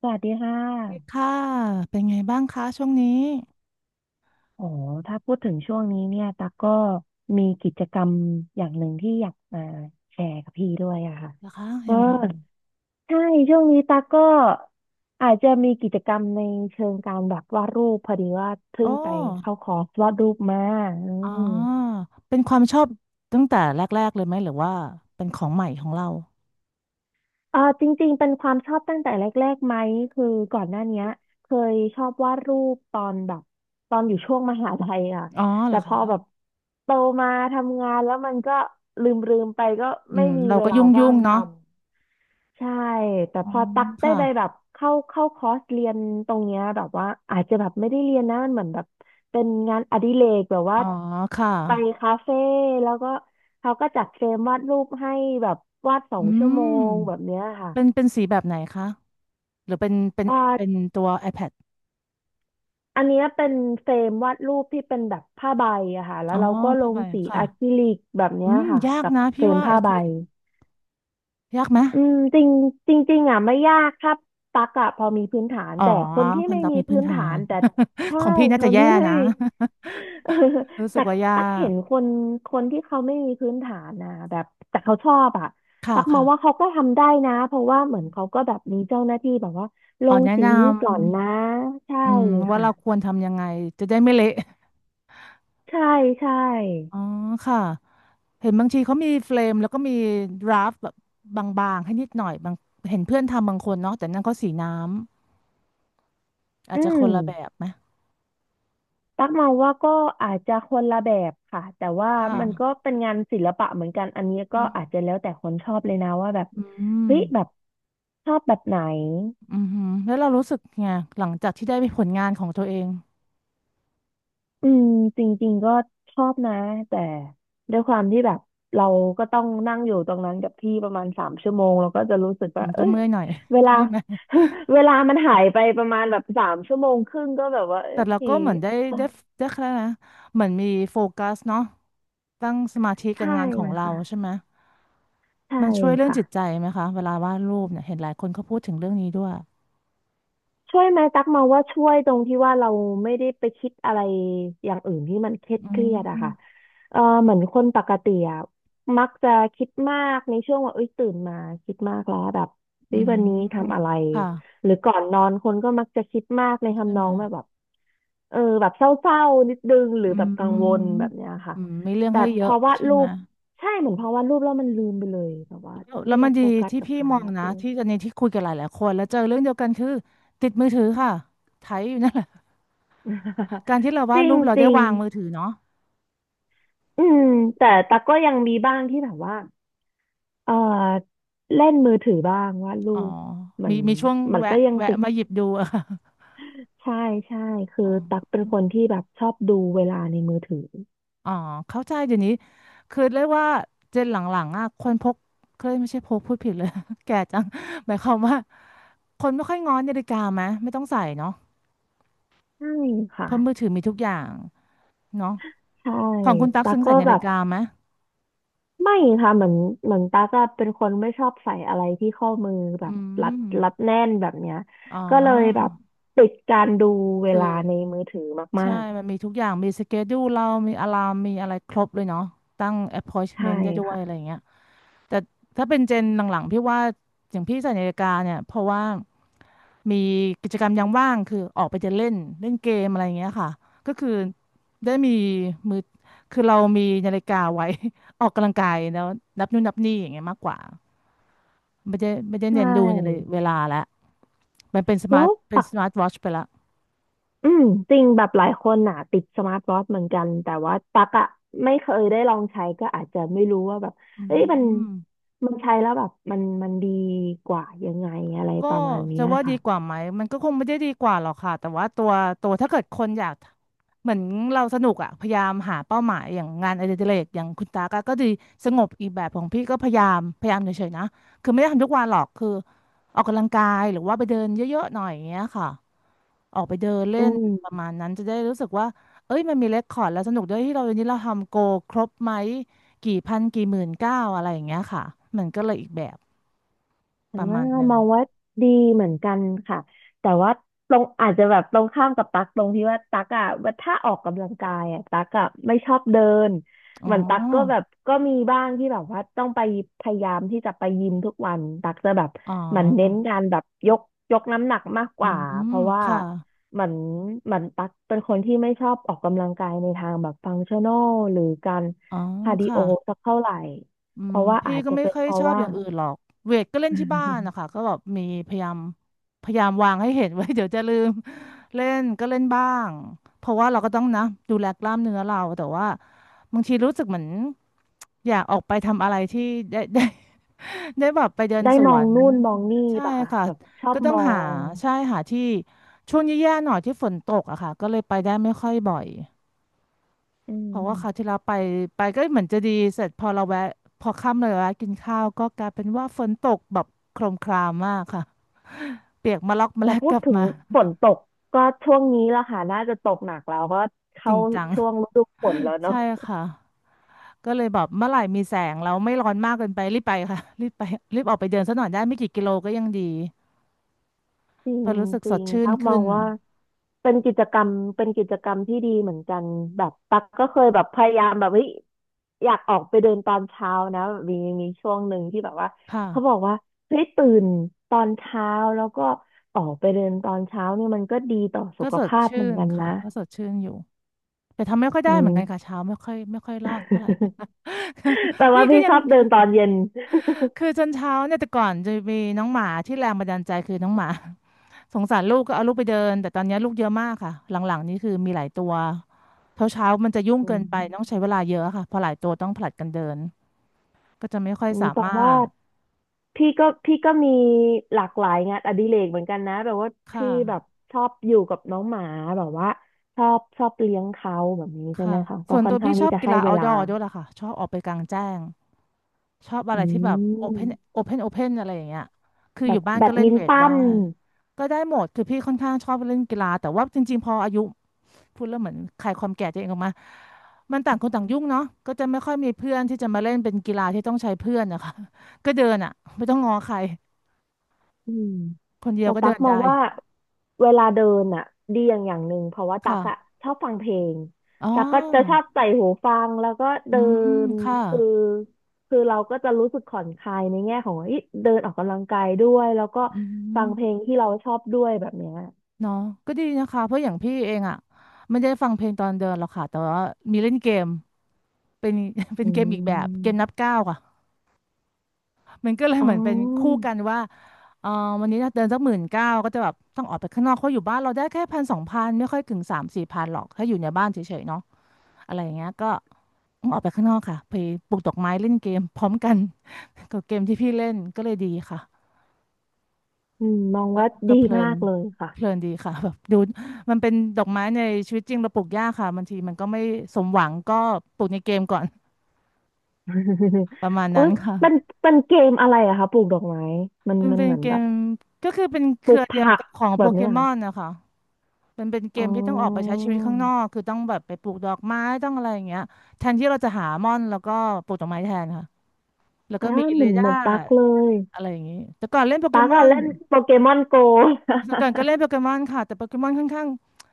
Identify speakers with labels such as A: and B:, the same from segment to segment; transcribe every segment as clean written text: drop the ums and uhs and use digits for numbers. A: สวัสดีค่ะ
B: ค่ะเป็นไงบ้างคะช่วงนี้
A: อ๋อถ้าพูดถึงช่วงนี้เนี่ย ตาก็มีกิจกรรมอย่างหนึ่งที่อยากมาแชร์กับพี่ด้วยอะค่ะ
B: เหรอคะ
A: ก็
B: ยังไง
A: ใช่ ช่วงนี้ตากก็อาจจะมีกิจกรรมในเชิงการแบบวาดรูปพอดีว่าเพิ่
B: โอ้
A: งไปเข้าคอร์สวาดรูปมาอื
B: อ๋
A: ม
B: อเป็นความชอบตั้งแต่แรกๆเลยไหมหรือว่าเป็นของใหม่ของเรา
A: เออจริงๆเป็นความชอบตั้งแต่แรกๆไหมคือก่อนหน้าเนี้ยเคยชอบวาดรูปตอนแบบตอนอยู่ช่วงมหาลัยอ่ะ
B: อ๋อเหร
A: แต่
B: อ
A: พ
B: คะ
A: อแบบโตมาทำงานแล้วมันก็ลืมๆไปก็
B: อื
A: ไม่
B: ม
A: มี
B: เรา
A: เว
B: ก็
A: ลา
B: ยุ่
A: ว่า
B: ง
A: ง
B: ๆ
A: ท
B: เนาะ
A: ำใช่แต่
B: อ๋อ
A: พอตักได้
B: ค่ะ
A: ไปแบบเข้าคอร์สเรียนตรงเนี้ยแบบว่าอาจจะแบบไม่ได้เรียนนะมันเหมือนแบบเป็นงานอดิเรกแบบว่า
B: อ๋อค่ะ
A: ไปคาเฟ่แล้วก็เขาก็จัดเฟรมวาดรูปให้แบบวาดสอ
B: อื
A: งชั่วโม
B: ม
A: งแบบเนี้ยค่ะ
B: เป็นสีแบบไหนคะหรือเป็น
A: อ่
B: เป็น
A: า
B: ตัว iPad
A: อันเนี้ยเป็นเฟรมวาดรูปที่เป็นแบบผ้าใบอะค่ะแล้
B: อ๋
A: ว
B: อ
A: เราก็ล
B: ผ้า
A: ง
B: ใบ
A: สี
B: ค่ะ
A: อะคริลิกแบบเนี้
B: อื
A: ย
B: ม
A: ค่ะ
B: ยาก
A: กับ
B: นะ
A: เฟ
B: พี่
A: รม
B: ว่า
A: ผ้า
B: อะค
A: ใบ
B: ริลิกยากไหม
A: อืมจริงจริงๆอ่ะไม่ยากครับตักอะพอมีพื้นฐาน
B: อ๋อ
A: แต่คนที่
B: คน
A: ไม่
B: ดับ
A: มี
B: มีพื้
A: พื้
B: น
A: น
B: ฐา
A: ฐาน
B: น
A: แต่ใช่
B: ของพี่น่า
A: ค
B: จะ
A: น
B: แย่
A: ที่ไม่
B: นะ
A: มี เออ
B: รู้สึ
A: แต่
B: กว่ายา
A: ตักเห็
B: ก
A: นคนคนที่เขาไม่มีพื้นฐานนะแบบแต่เขาชอบอะ
B: ค่ะ
A: ตักมองว่าเขาก็ทำได้นะเพราะว่าเหมือนเขาก็แบบมีเจ้าหน้าที่แบบว่าล
B: อ๋อ
A: ง
B: แนะ
A: สี
B: น
A: นี้ก่อนนะ
B: ำ
A: ใช่
B: อืมว่าเราค
A: ค่ะ
B: วรทำยังไงจะได้ไม่เละ
A: ใช่ใช่
B: อ๋อค่ะเห็นบางทีเขามีเฟรมแล้วก็มีดราฟแบบบางๆให้นิดหน่อยบางเห็นเพื่อนทำบางคนเนาะแต่นั่นเขาสีน้ำอาจ
A: อื
B: จะค
A: ม
B: นละแบบไหม
A: ตักมองว่าก็อาจจะคนละแบบค่ะ แต่ว่า
B: ค่ะ
A: มันก็เป็นงานศิลปะเหมือนกัน อันนี้ก็
B: อื
A: อาจจะ
B: ม
A: แล้วแต่คนชอบเลยนะว่าแบบ
B: อืม
A: เฮ้ยแบบชอบแบบไหน
B: อืมแล้วเรารู้สึกไงหลังจากที่ได้ไปผลงานของตัวเอง
A: อืมจริงๆก็ชอบนะแต่ด้วยความที่แบบเราก็ต้องนั่งอยู่ตรงนั้นกับที่ประมาณสามชั่วโมงเราก็จะรู้สึก
B: อื
A: ว่า
B: มก็
A: เอ้ย
B: เมื่อยหน่อย
A: เวลา
B: ไม่ไหม
A: เวลามันหายไปประมาณแบบ3 ชั่วโมงครึ่งก็แบบว่าเอ้
B: แต่เราก็
A: ย
B: เหมือนได้ได้ได้แค่นะเหมือนมีโฟกัสเนาะตั้งสมาธิกับ
A: ใช่
B: งานของเรา
A: ค่ะ
B: ใช่ไหม
A: ใช่
B: มันช่วยเรื่อง
A: ค่ะ
B: จิตใจไหมคะเวลาวาดรูปเนี่ยเห็นหลายคนเขาพูดถึงเรื่องนี้ด้วย
A: ช่วยไหมตักมองว่าช่วยตรงที่ว่าเราไม่ได้ไปคิดอะไรอย่างอื่นที่มันเครียด
B: อื
A: เครียดอะค่ะ
B: ม
A: เออเหมือนคนปกติอะมักจะคิดมากในช่วงว่าเอ้ยตื่นมาคิดมากแล้วแบบ
B: อื
A: เฮ้ยวันนี้ทำ
B: ม
A: อะไร
B: ค่ะ
A: หรือก่อนนอนคนก็มักจะคิดมากใน
B: ใช่
A: ทำน
B: ไห
A: อ
B: ม
A: งแบบแบบแบบเศร้าๆนิดนึงหรือ
B: อื
A: แบบกังวล
B: ม
A: แบบเนี้ยค่ะ
B: อืมมีเรื่อง
A: แต่
B: ให้เย
A: พ
B: อะ
A: อวาด
B: ใช่
A: รู
B: ไหม
A: ปใช่เหมือนพอวาดรูปแล้วมันลืมไปเลยแบบว่าเฮ้
B: แล้
A: ย
B: วมั
A: เรา
B: นดี
A: โฟกัส
B: ที่
A: กับ
B: พี่
A: การ
B: มอง
A: วาด
B: นะ
A: รูป
B: ที่ตอนนี้ที่คุยกับหลายๆคนแล้วเจอเรื่องเดียวกันคือติดมือถือค่ะไถอยู่นั่นแหละ การ ที่เรา
A: จ
B: วาด
A: ริ
B: รู
A: ง
B: ปเรา
A: จ
B: ได้
A: ริง
B: วางมือถือเนาะ
A: อืมแต่ตักก็ยังมีบ้างที่แบบว่าเออเล่นมือถือบ้างวาดรู
B: อ๋อ
A: ปมั
B: มี
A: น
B: ช่วง
A: มัน
B: แวะ
A: ก็ยังติด
B: มาหยิบดู อะค่ะ
A: ใช่ใช่คือ
B: อ๋
A: ตัก
B: อ
A: เป็นคนที่แบบชอบดูเวลาในมือถือ
B: อ๋อเข้าใจเดี๋ยวนี้คือเรียกว่าเจนหลังๆอะคนพก เคยไม่ใช่พกพูดผิดเลย แก่จังหมายความว่าคนไม่ค่อยง้อนาฬิกาไหมไม่ต้องใส่เนาะ
A: ใช่
B: เพ
A: ค่ะ
B: ราะมือถือมีทุกอย่างเนาะ
A: ใช่
B: ของคุณตั๊ก
A: ตัก
B: ซึ่ง
A: ก็
B: ใส่นา
A: แบ
B: ฬิ
A: บ
B: กาไหม
A: ไม่ค่ะเหมือนเหมือนตักอะเป็นคนไม่ชอบใส่อะไรที่ข้อมือแบ
B: อื
A: บรัด
B: ม
A: รัดแน่นแบบเนี้ย
B: อ๋อ
A: ก็เลยแบบติดการดูเว
B: คือ
A: ลาในมือถือมา
B: ใช่
A: ก
B: มันมีทุกอย่างมีสเกดูเรามีอะลามมีอะไรครบเลยเนาะตั้ง
A: ๆใช่
B: appointment ได้ด้วยอะไรอ
A: ค่ะ
B: ย่างเงี้ย แต่ถ้าเป็นเจนหลังๆพี่ว่าอย่างพี่ใส่นาฬิกาเนี่ยเพราะว่ามีกิจกรรมยามว่างคือออกไปจะเล่นเล่นเกมอะไรอย่างเงี้ยค่ะก็คือได้มีมือคือเรามีนาฬิกาไว้ ออกกำลังกายแล้วนับนู่นนับนี่อย่างเงี้ยมากกว่าไม่ได้
A: ใช
B: เน้นดูเลย
A: ่
B: เวลาละมันเป็นสมา
A: แล้
B: ร์ท
A: วป
B: วอทช์ไปละ
A: อืมจริงแบบหลายคนน่ะติดสมาร์ทวอทช์เหมือนกันแต่ว่าตักอะไม่เคยได้ลองใช้ก็อาจจะไม่รู้ว่าแบบ
B: อื
A: เอ้ยมัน
B: ม
A: มันใช้แล้วแบบมันดีกว่ายังไงอะไร
B: ก็
A: ประมาณเนี้
B: จะ
A: ย
B: ว่าดี
A: ค่ะ
B: กว่าไหมมันก็คงไม่ได้ดีกว่าหรอกค่ะแต่ว่าตัวถ้าเกิดคนอยากเหมือนเราสนุกอะพยายามหาเป้าหมายอย่างงานอดิเรกอย่างคุณตาก็ดีสงบอีกแบบของพี่ก็พยายามเฉยๆนะคือไม่ได้ทำทุกวันหรอกคือออกกำลังกายหรือว่าไปเดินเยอะๆหน่อยอย่างเงี้ยค่ะออกไปเดินเล่
A: อื
B: นประ
A: ม
B: มาณนั้นจะได้รู้สึกว่าเอ้ยมันมีเรคคอร์ดแล้วสนุกด้วยที่เราวันนี้เราทำโกครบไหมกี่พันกี่หมื่นเก้าอะไรอย่างเงี้ยค่ะมันก็เลยอีกแบบป
A: อ่า
B: ระมาณหนึ่
A: ม
B: ง
A: องว่าดีเหมือนกันค่ะแต่ว่าตรงอาจจะแบบตรงข้ามกับตั๊กตรงที่ว่าตั๊กอ่ะว่าถ้าออกกำลังกายอ่ะตั๊กอ่ะไม่ชอบเดิน
B: อ๋อ
A: เหมือนตั๊กก็แบบก็มีบ้างที่แบบว่าต้องไปพยายามที่จะไปยิมทุกวันตั๊กจะแบบ
B: อ๋
A: เหมือนเน้น
B: อ
A: การแบบยกน้ำหนักมากก
B: อื
A: ว่าเพ
B: ม
A: ราะว่า
B: ค่ะ
A: เหมือนเหมือนตั๊กเป็นคนที่ไม่ชอบออกกำลังกายในทางแบบฟังชั่นอลหรือการ
B: อ๋อ
A: คาร์ดิ
B: ค่ะ
A: โอสักเท่าไหร่
B: อื
A: เพ
B: ม
A: ราะว่า
B: พี่
A: อาจ
B: ก็
A: จะ
B: ไม่
A: เป็น
B: ค่อย
A: เพ
B: ช
A: ราะ
B: อบ
A: ว่า
B: อย่างอื่นหรอก เวทก็เล่นที่บ้านนะคะ ก็แบบมีพยายามวางให้เห็นไว้ เดี๋ยวจะลืมเล่นก็เล่นบ้าง เพราะว่าเราก็ต้องนะดูแลกล้ามเนื้อเราแต่ว่าบางทีรู้สึกเหมือนอยากออกไปทำอะไรที่ ได้ ได้แบบไปเดิน
A: ได้
B: ส
A: ม
B: ว
A: อง
B: น
A: นู่นมองนี่
B: ใช่
A: ป่ะคะ
B: ค่ะ
A: แบบชอบ
B: ก็ต้อ
A: ม
B: ง
A: อ
B: หา
A: ง
B: ใช่หาที่ช่วงแย่ๆหน่อยที่ฝนตกอะค่ะก็เลยไปได้ไม่ค่อยบ่อย
A: อื
B: เพราะ
A: ม
B: ว่าคราวที่เราไปก็เหมือนจะดีเสร็จพอเราแวะพอค่ำเลยแวะกินข้าวก็กลายเป็นว่าฝนตกแบบโครมครามมากค่ะเปียกมาล็อกมา
A: แต่
B: แลก
A: พู
B: ก
A: ด
B: ลับ
A: ถึง
B: มา
A: ฝนตกก็ช่วงนี้ละค่ะน่าจะตกหนักแล้วก็
B: จ
A: เข้า
B: ริงจัง
A: ช่วงฤดูฝนแล้วเนาะ
B: ใช่ค่ะก็เลยแบบเมื่อไหร่มีแสงแล้วไม่ร้อนมากเกินไปรีบไปค่ะรีบออกไปเดินสักหน่อยได้ไม่กี่กิโลก็ยังดี
A: จริ
B: เพ
A: ง
B: อรู้สึก
A: จ
B: ส
A: ริ
B: ด
A: ง
B: ชื่น
A: ตั๊กมอ
B: ขึ้
A: ง
B: น
A: ว่าเป็นกิจกรรมเป็นกิจกรรมที่ดีเหมือนกันแบบตั๊กก็เคยแบบพยายามแบบเฮ้ยอยากออกไปเดินตอนเช้านะแบบมีช่วงหนึ่งที่แบบว่า
B: ค่ะ
A: เขาบอกว่าเฮ้ยตื่นตอนเช้าแล้วก็ออกไปเดินตอนเช้าเนี่ยมันก็ดีต่อสุ
B: ก็
A: ข
B: สด
A: ภาพ
B: ชื่
A: เหมือน
B: น
A: กันนะ
B: อยู่แต่ทำไม่ค่อย
A: อื
B: ได้เหมือ
A: ม
B: นกันค่ะเช้าไม่ค่อยรอดเท่าไหร่
A: แต่ ว่า
B: นี่ก็
A: พี่
B: ยั
A: ช
B: ง
A: อบเดินตอนเย็น
B: คือจนเช้าเนี่ยแต่ก่อนจะมีน้องหมาที่แรงบันดาลใจคือน้องหมา สงสารลูกก็เอาลูกไปเดินแต่ตอนเนี้ยลูกเยอะมากค่ะหลังๆนี่คือมีหลายตัวเช้าเช้ามันจะยุ่ง
A: อื
B: เกินไปต้อง
A: ม
B: ใช้เวลาเยอะค่ะเพอหลายตัวต้องผลัดกันเดินก็จะไม่ค่อย
A: อื
B: สา
A: มแต่
B: มา
A: ว่า
B: รถ
A: พี่ก็มีหลากหลายงานอดิเรกเหมือนกันนะแบบว่าพี่
B: ค่ะ
A: แบบชอบอยู่กับน้องหมาแบบว่าชอบเลี้ยงเขาแบบนี้ใช่ไห
B: ค่ะ
A: มคะก็
B: ส่วน
A: ค่อ
B: ตั
A: น
B: ว
A: ข้า
B: พี่
A: ง
B: ช
A: ที่
B: อบ
A: จะ
B: กี
A: ให้
B: ฬา
A: เวลา
B: outdoor ด้วยล่ะค่ะชอบออกไปกลางแจ้งชอบอะไร
A: อื
B: ที่แบบ open
A: ม
B: open อะไรอย่างเงี้ยคือ
A: แบ
B: อยู่
A: บ
B: บ้าน
A: แบ
B: ก็
A: ด
B: เล่น
A: มิน
B: เวท
A: ตั
B: ได้
A: น
B: ก็ได้หมดคือพี่ค่อนข้างชอบเล่นกีฬาแต่ว่าจริงๆพออายุ พูดแล้วเหมือนขายความแก่ตัวเองออกมามันต่างคนต่างยุ่งเนาะก็จะไม่ค่อยมีเพื่อนที่จะมาเล่นเป็นกีฬาที่ต้องใช้เพื่อนนะคะ ก็เดินอ่ะไม่ต้องง้อใคร
A: อืม
B: คนเดียว
A: แต่
B: ก็
A: ตั๊
B: เดิ
A: ก
B: น
A: มอง
B: ได้
A: ว่าเวลาเดินอ่ะดีอย่างหนึ่งเพราะว่าตั๊กอ่ะ
B: ค่ะ
A: ชอบฟังเพลง
B: อ๋อ
A: ตั๊กก็จะชอบใส่หูฟังแล้วก็
B: อื
A: เดิ
B: ม
A: น
B: ค่ะ
A: คือคือเราก็จะรู้สึกผ่อนคลายในแง่ของเฮ้ยเดินออกกำลังกายด้วยแล้วก็
B: อื
A: ฟังเพลง
B: ม
A: ที่เราชอบด้วยแบบเนี้ย
B: เนาะก็ดีนะคะเพราะอย่างพี่เองอ่ะไม่ได้ฟังเพลงตอนเดินหรอกค่ะแต่ว่ามีเล่นเกมเป็น เป็
A: อื
B: นเกมอีกแบบเกมนั
A: ม
B: บก้าวค่ะ มันก็เลย
A: อ๋
B: เหมือนเป็นคู่
A: อ
B: กันว่าเออวันนี้เดินสักหมื่นเก้าก็จะแบบต้องออกไปข้างนอกเขาะอยู่บ้านเราได้แค่พันสองพันไม่ค่อยถึงสามสี่พันหรอกถ้าอยู่ในบ้านเฉยๆเนาะอะไรอย่างเงี้ยก็ต้องออกไปข้างนอกค่ะไปปลูกดอกไม้เล่นเกมพร้อมกัน กับเกมที่พี่เล่นก็เลยดีค่ะ
A: อืมมอง
B: ก็
A: ว่า
B: ก็
A: ดี
B: เพลิ
A: มา
B: น
A: กเลยค่ะ
B: เพลินดีค่ะแบบดูมันเป็นดอกไม้ในชีวิตจริงเราปลูกยากค่ะบางทีมันก็ไม่สมหวังก็ปลูกในเกมก่อน ประมาณ
A: โอ๊
B: นั้
A: ย
B: นค่ะ
A: มันมันเกมอะไรอะคะปลูกดอกไม้มัน
B: มัน
A: มัน
B: เป็น
A: เหมือน
B: เก
A: แบ
B: ม
A: บ
B: ก็คือเป็นเค
A: ปลู
B: รือ
A: ก
B: เดียว
A: ผัก
B: กับของ
A: แบ
B: โป
A: บ
B: เก
A: เนี้ย
B: มอนนะคะ มันเป็นเก
A: อ๋
B: มที่ต้องออกไปใช้
A: อ
B: ชีวิตข้างนอกคือต้องแบบไปปลูกดอกไม้ต้องอะไรอย่างเงี้ยแทนที่เราจะหาม่อนแล้วก็ปลูกดอกไม้แทนค่ะแล้วก็
A: อ่า
B: มี
A: เห
B: เร
A: มือนเห
B: ดา
A: มือน
B: ร์
A: ตั๊กเลย
B: อะไรอย่างงี้แต่ก่อนเล่นโปเก
A: ตั๊ก
B: มอ
A: อะ
B: น
A: เล่นโปเกมอนโก
B: แต่ก่อนก็ เล่นโปเกมอนค่ะแต่โปเกมอนค่อนข้าง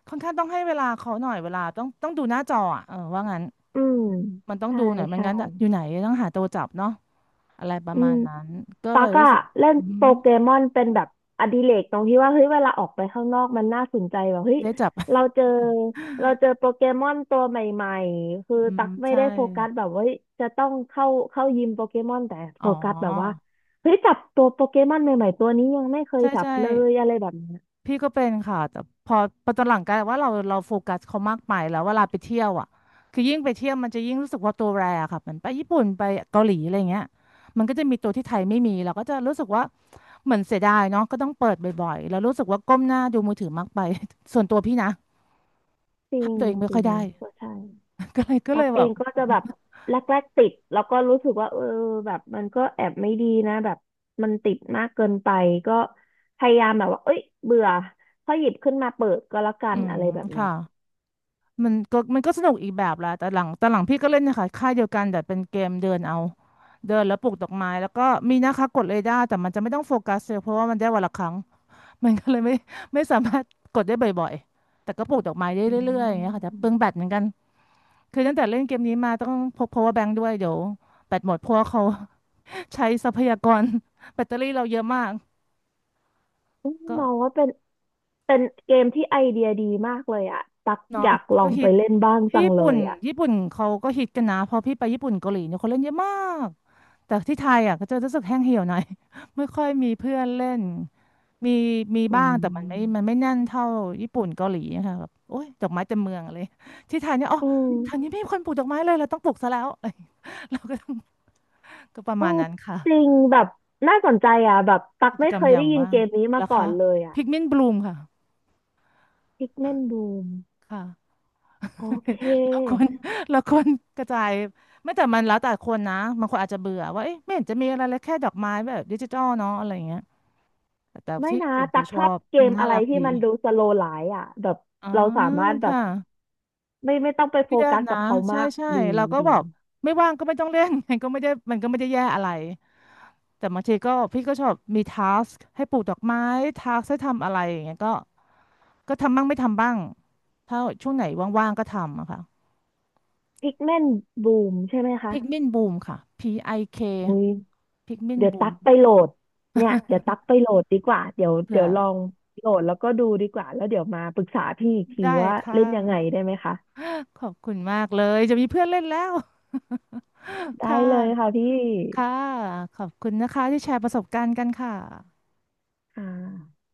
B: ค่อนข้างต้องให้เวลาเขาหน่อยเวลาต้องดูหน้าจออ่ะเออว่างั้น
A: อืม
B: มันต้อง
A: ใช่
B: ดูหน่อยไม่
A: ใช่
B: งั้นอยู่ไหนต้องหาตัวจับเนาะอะไรประ
A: อื
B: มา
A: ม
B: ณนั้นก็เล
A: ตั๊
B: ย
A: ก
B: รู้
A: อะ
B: สึก
A: เล่น
B: อื
A: โป
B: ม
A: เกมอนเป็นแบบอดิเรกตรงที่ว่าเฮ้ยเวลาออกไปข้างนอกมันน่าสนใจแบบเฮ้ย
B: ได้จับ
A: เราเจอเราเจอโปเกมอนตัวใหม่ๆคือ
B: อืม
A: ตั๊กไม่
B: ใช่
A: ได้โฟกัสแบบว่าเฮ้ยจะต้องเข้ายิมโปเกมอนแต่
B: อ๋
A: โฟ
B: อ
A: กัสแบบว่าเฮ้ยจับตัวโปเกมอนใหม่ๆตัวนี้ยังไม่เคย
B: ใช่
A: จับ
B: ใช่
A: เลยอะไรแบบเนี้ย
B: พี่ก็เป็นค่ะแต่พอพอตอนหลังกลายเป็นว่าเราโฟกัสเขามากไปแล้วเวลาไปเที่ยวอ่ะคือยิ่งไปเที่ยวมันจะยิ่งรู้สึกว่าตัวแรอะค่ะเหมือนไปญี่ปุ่นไปเกาหลีอะไรเงี้ยมันก็จะมีตัวที่ไทยไม่มีเราก็จะรู้สึกว่าเหมือนเสียดายเนาะก็ต้องเปิดบ่อยๆแล้วรู้สึกว่าก้มหน้าดูมือถือมากไป ส่วนตัวพี่นะ
A: จ ริ
B: ห้าม
A: ง
B: ตัวเองไม่
A: จ
B: ค่
A: ริ
B: อย
A: ง
B: ได้
A: ก็ใช่
B: ก็เลยก็
A: ตั
B: เล
A: ก
B: ยแบ
A: เอ
B: บ
A: งก็จะแบบแรกๆติดแล้วก็รู้สึกว่าเออแบบมันก็แอบไม่ดีนะแบบมันติดมากเกินไปก็พยายามแบบว่าเอ้ยเบื่อค่อยหยิบขึ้นมาเปิดก็แล้วกั
B: อื
A: นอะ
B: ม
A: ไรแบบเนี้
B: ค่ะ
A: ย
B: มันก็สนุกอีกแบบละแต่หลังพี่ก็เล่นนะคะค่ายเดียวกันแต่เป็นเกมเดินเอาเดินแล้วปลูกดอกไม้แล้วก็มีนะคะกดเรดาร์แต่มันจะไม่ต้องโฟกัสเลยเพราะว่ามันได้วันละครั้ง มันก็เลยไม่สามารถกดได้บ่อยๆแต่ก็ปลูกดอกไม้ได้
A: อื
B: เรื่อยๆอย่างเงี้ยค่ะแต่เปลืองแบ
A: ม
B: ตเหมือนกันคือตั้งแต่เล่นเกมนี้มาต้องพก power bank ด้วยเดี๋ยวแบตหมดเพราะว่าเขา ใช้ทรัพยากร แบตเตอรี่เราเยอะมาก
A: อืม
B: ก็
A: มองว่าเป็นเป็นเกมที่ไอเดียดีมากเลยอ่ะตัก
B: เนาะ
A: อยากลอ
B: ก็
A: ง
B: ฮิ
A: ไป
B: ต
A: เล่นบ้าง
B: ที่
A: จัง
B: ญี่
A: เล
B: ปุ่น
A: ยอ่ะ
B: ญี่ปุ่นเขาก็ฮิตกันนะพอพี่ไปญี่ปุ่นเกาหลีเนี่ยคนเล่นเยอะมากแต่ที่ไทยอ่ะก็จะรู้สึกแห้งเหี่ยวหน่อย ไม่ค่อยมีเพื่อนเล่นมีมี
A: อื
B: บ้างแต่มันไม่
A: ม
B: มันไม่แน่นเท่าญี่ปุ่นเกาหลีอะค่ะแบบโอ๊ยดอกไม้เต็มเมืองเลยที่ไทยเนี่ยอ๋อ
A: อืม
B: ทางนี้ไม่มีคนปลูกดอกไม้เลยเราต้องปลูกซะแล้ว เราก็ต้องก็ประ
A: โอ้
B: มาณนั้นค่ะ
A: จริงแบบน่าสนใจอ่ะแบบตัก
B: กิจ
A: ไม่
B: กร
A: เค
B: รม
A: ย
B: ยา
A: ได้
B: ม
A: ยิน
B: ว่า
A: เก
B: ง
A: มนี้มา
B: แล้ว
A: ก่อ
B: ค่ะ
A: นเลยอ่ะ
B: พิกมินบลูมค่ะ
A: Pikmin Boom
B: ค่ะ
A: โอเค
B: เราควร เราควรกระจายไม่แต่มันแล้วแต่คนนะบางคนอาจจะเบื่อว่าเอ๊ะไม่เห็นจะมีอะไรเลยแค่ดอกไม้แบบดิจิทัลเนาะอะไรอย่างเงี้ยแต่
A: ไม่
B: ที่
A: นะ
B: ส่วนตั
A: ตั
B: ว
A: ก
B: ช
A: ช
B: อ
A: อบ
B: บ
A: เก
B: มัน
A: ม
B: น่า
A: อะไร
B: รัก
A: ที่
B: ดี
A: มันดูสโลว์ไลฟ์อ่ะแบบ
B: อ๋อ
A: เราสามารถแบบ
B: ค่ะ
A: ไม่ต้องไป
B: เค
A: โฟ
B: รียด
A: กัส
B: นะ
A: กับเขา
B: ใช่
A: มาก
B: ใช่
A: ดี
B: เราก็บ
A: ดี
B: อกไม่ว่างก็ไม่ต้องเล่น มันก็ไม่ได้แย่อะไรแต่บางทีก็พี่ก็ชอบมีทาสให้ปลูกดอกไม้ทาสให้ทำอะไรอย่างเงี้ยก็ก็ทำบ้างไม่ทำบ้างถ้าช่วงไหนว่างๆก็ทำอะค่ะ
A: พิกเมนบูมใช่ไหมคะ
B: พิกมินบูมค่ะ PIK
A: อุ้ย
B: พิกมิน
A: เดี๋ยว
B: บู
A: ตั
B: ม
A: กไปโหลดเนี่ยเดี๋ยวตัก ไปโหลดดีกว่าเดี๋ยว
B: เผื่
A: เดี๋
B: อ
A: ยวลองโหลดแล้วก็ดูดีกว่าแล้วเดี๋ยวมาปรึกษาพี่อีกที
B: ได้
A: ว่า
B: ค่ะ
A: เล่นยังไงได้ไหมคะ
B: ขอบคุณมากเลยจะมีเพื่อนเล่นแล้ว
A: ได้
B: ค่ะ
A: เลยค่ะพี่
B: ค่ะขอบคุณนะคะที่แชร์ประสบการณ์กันค่ะ
A: ค่ะ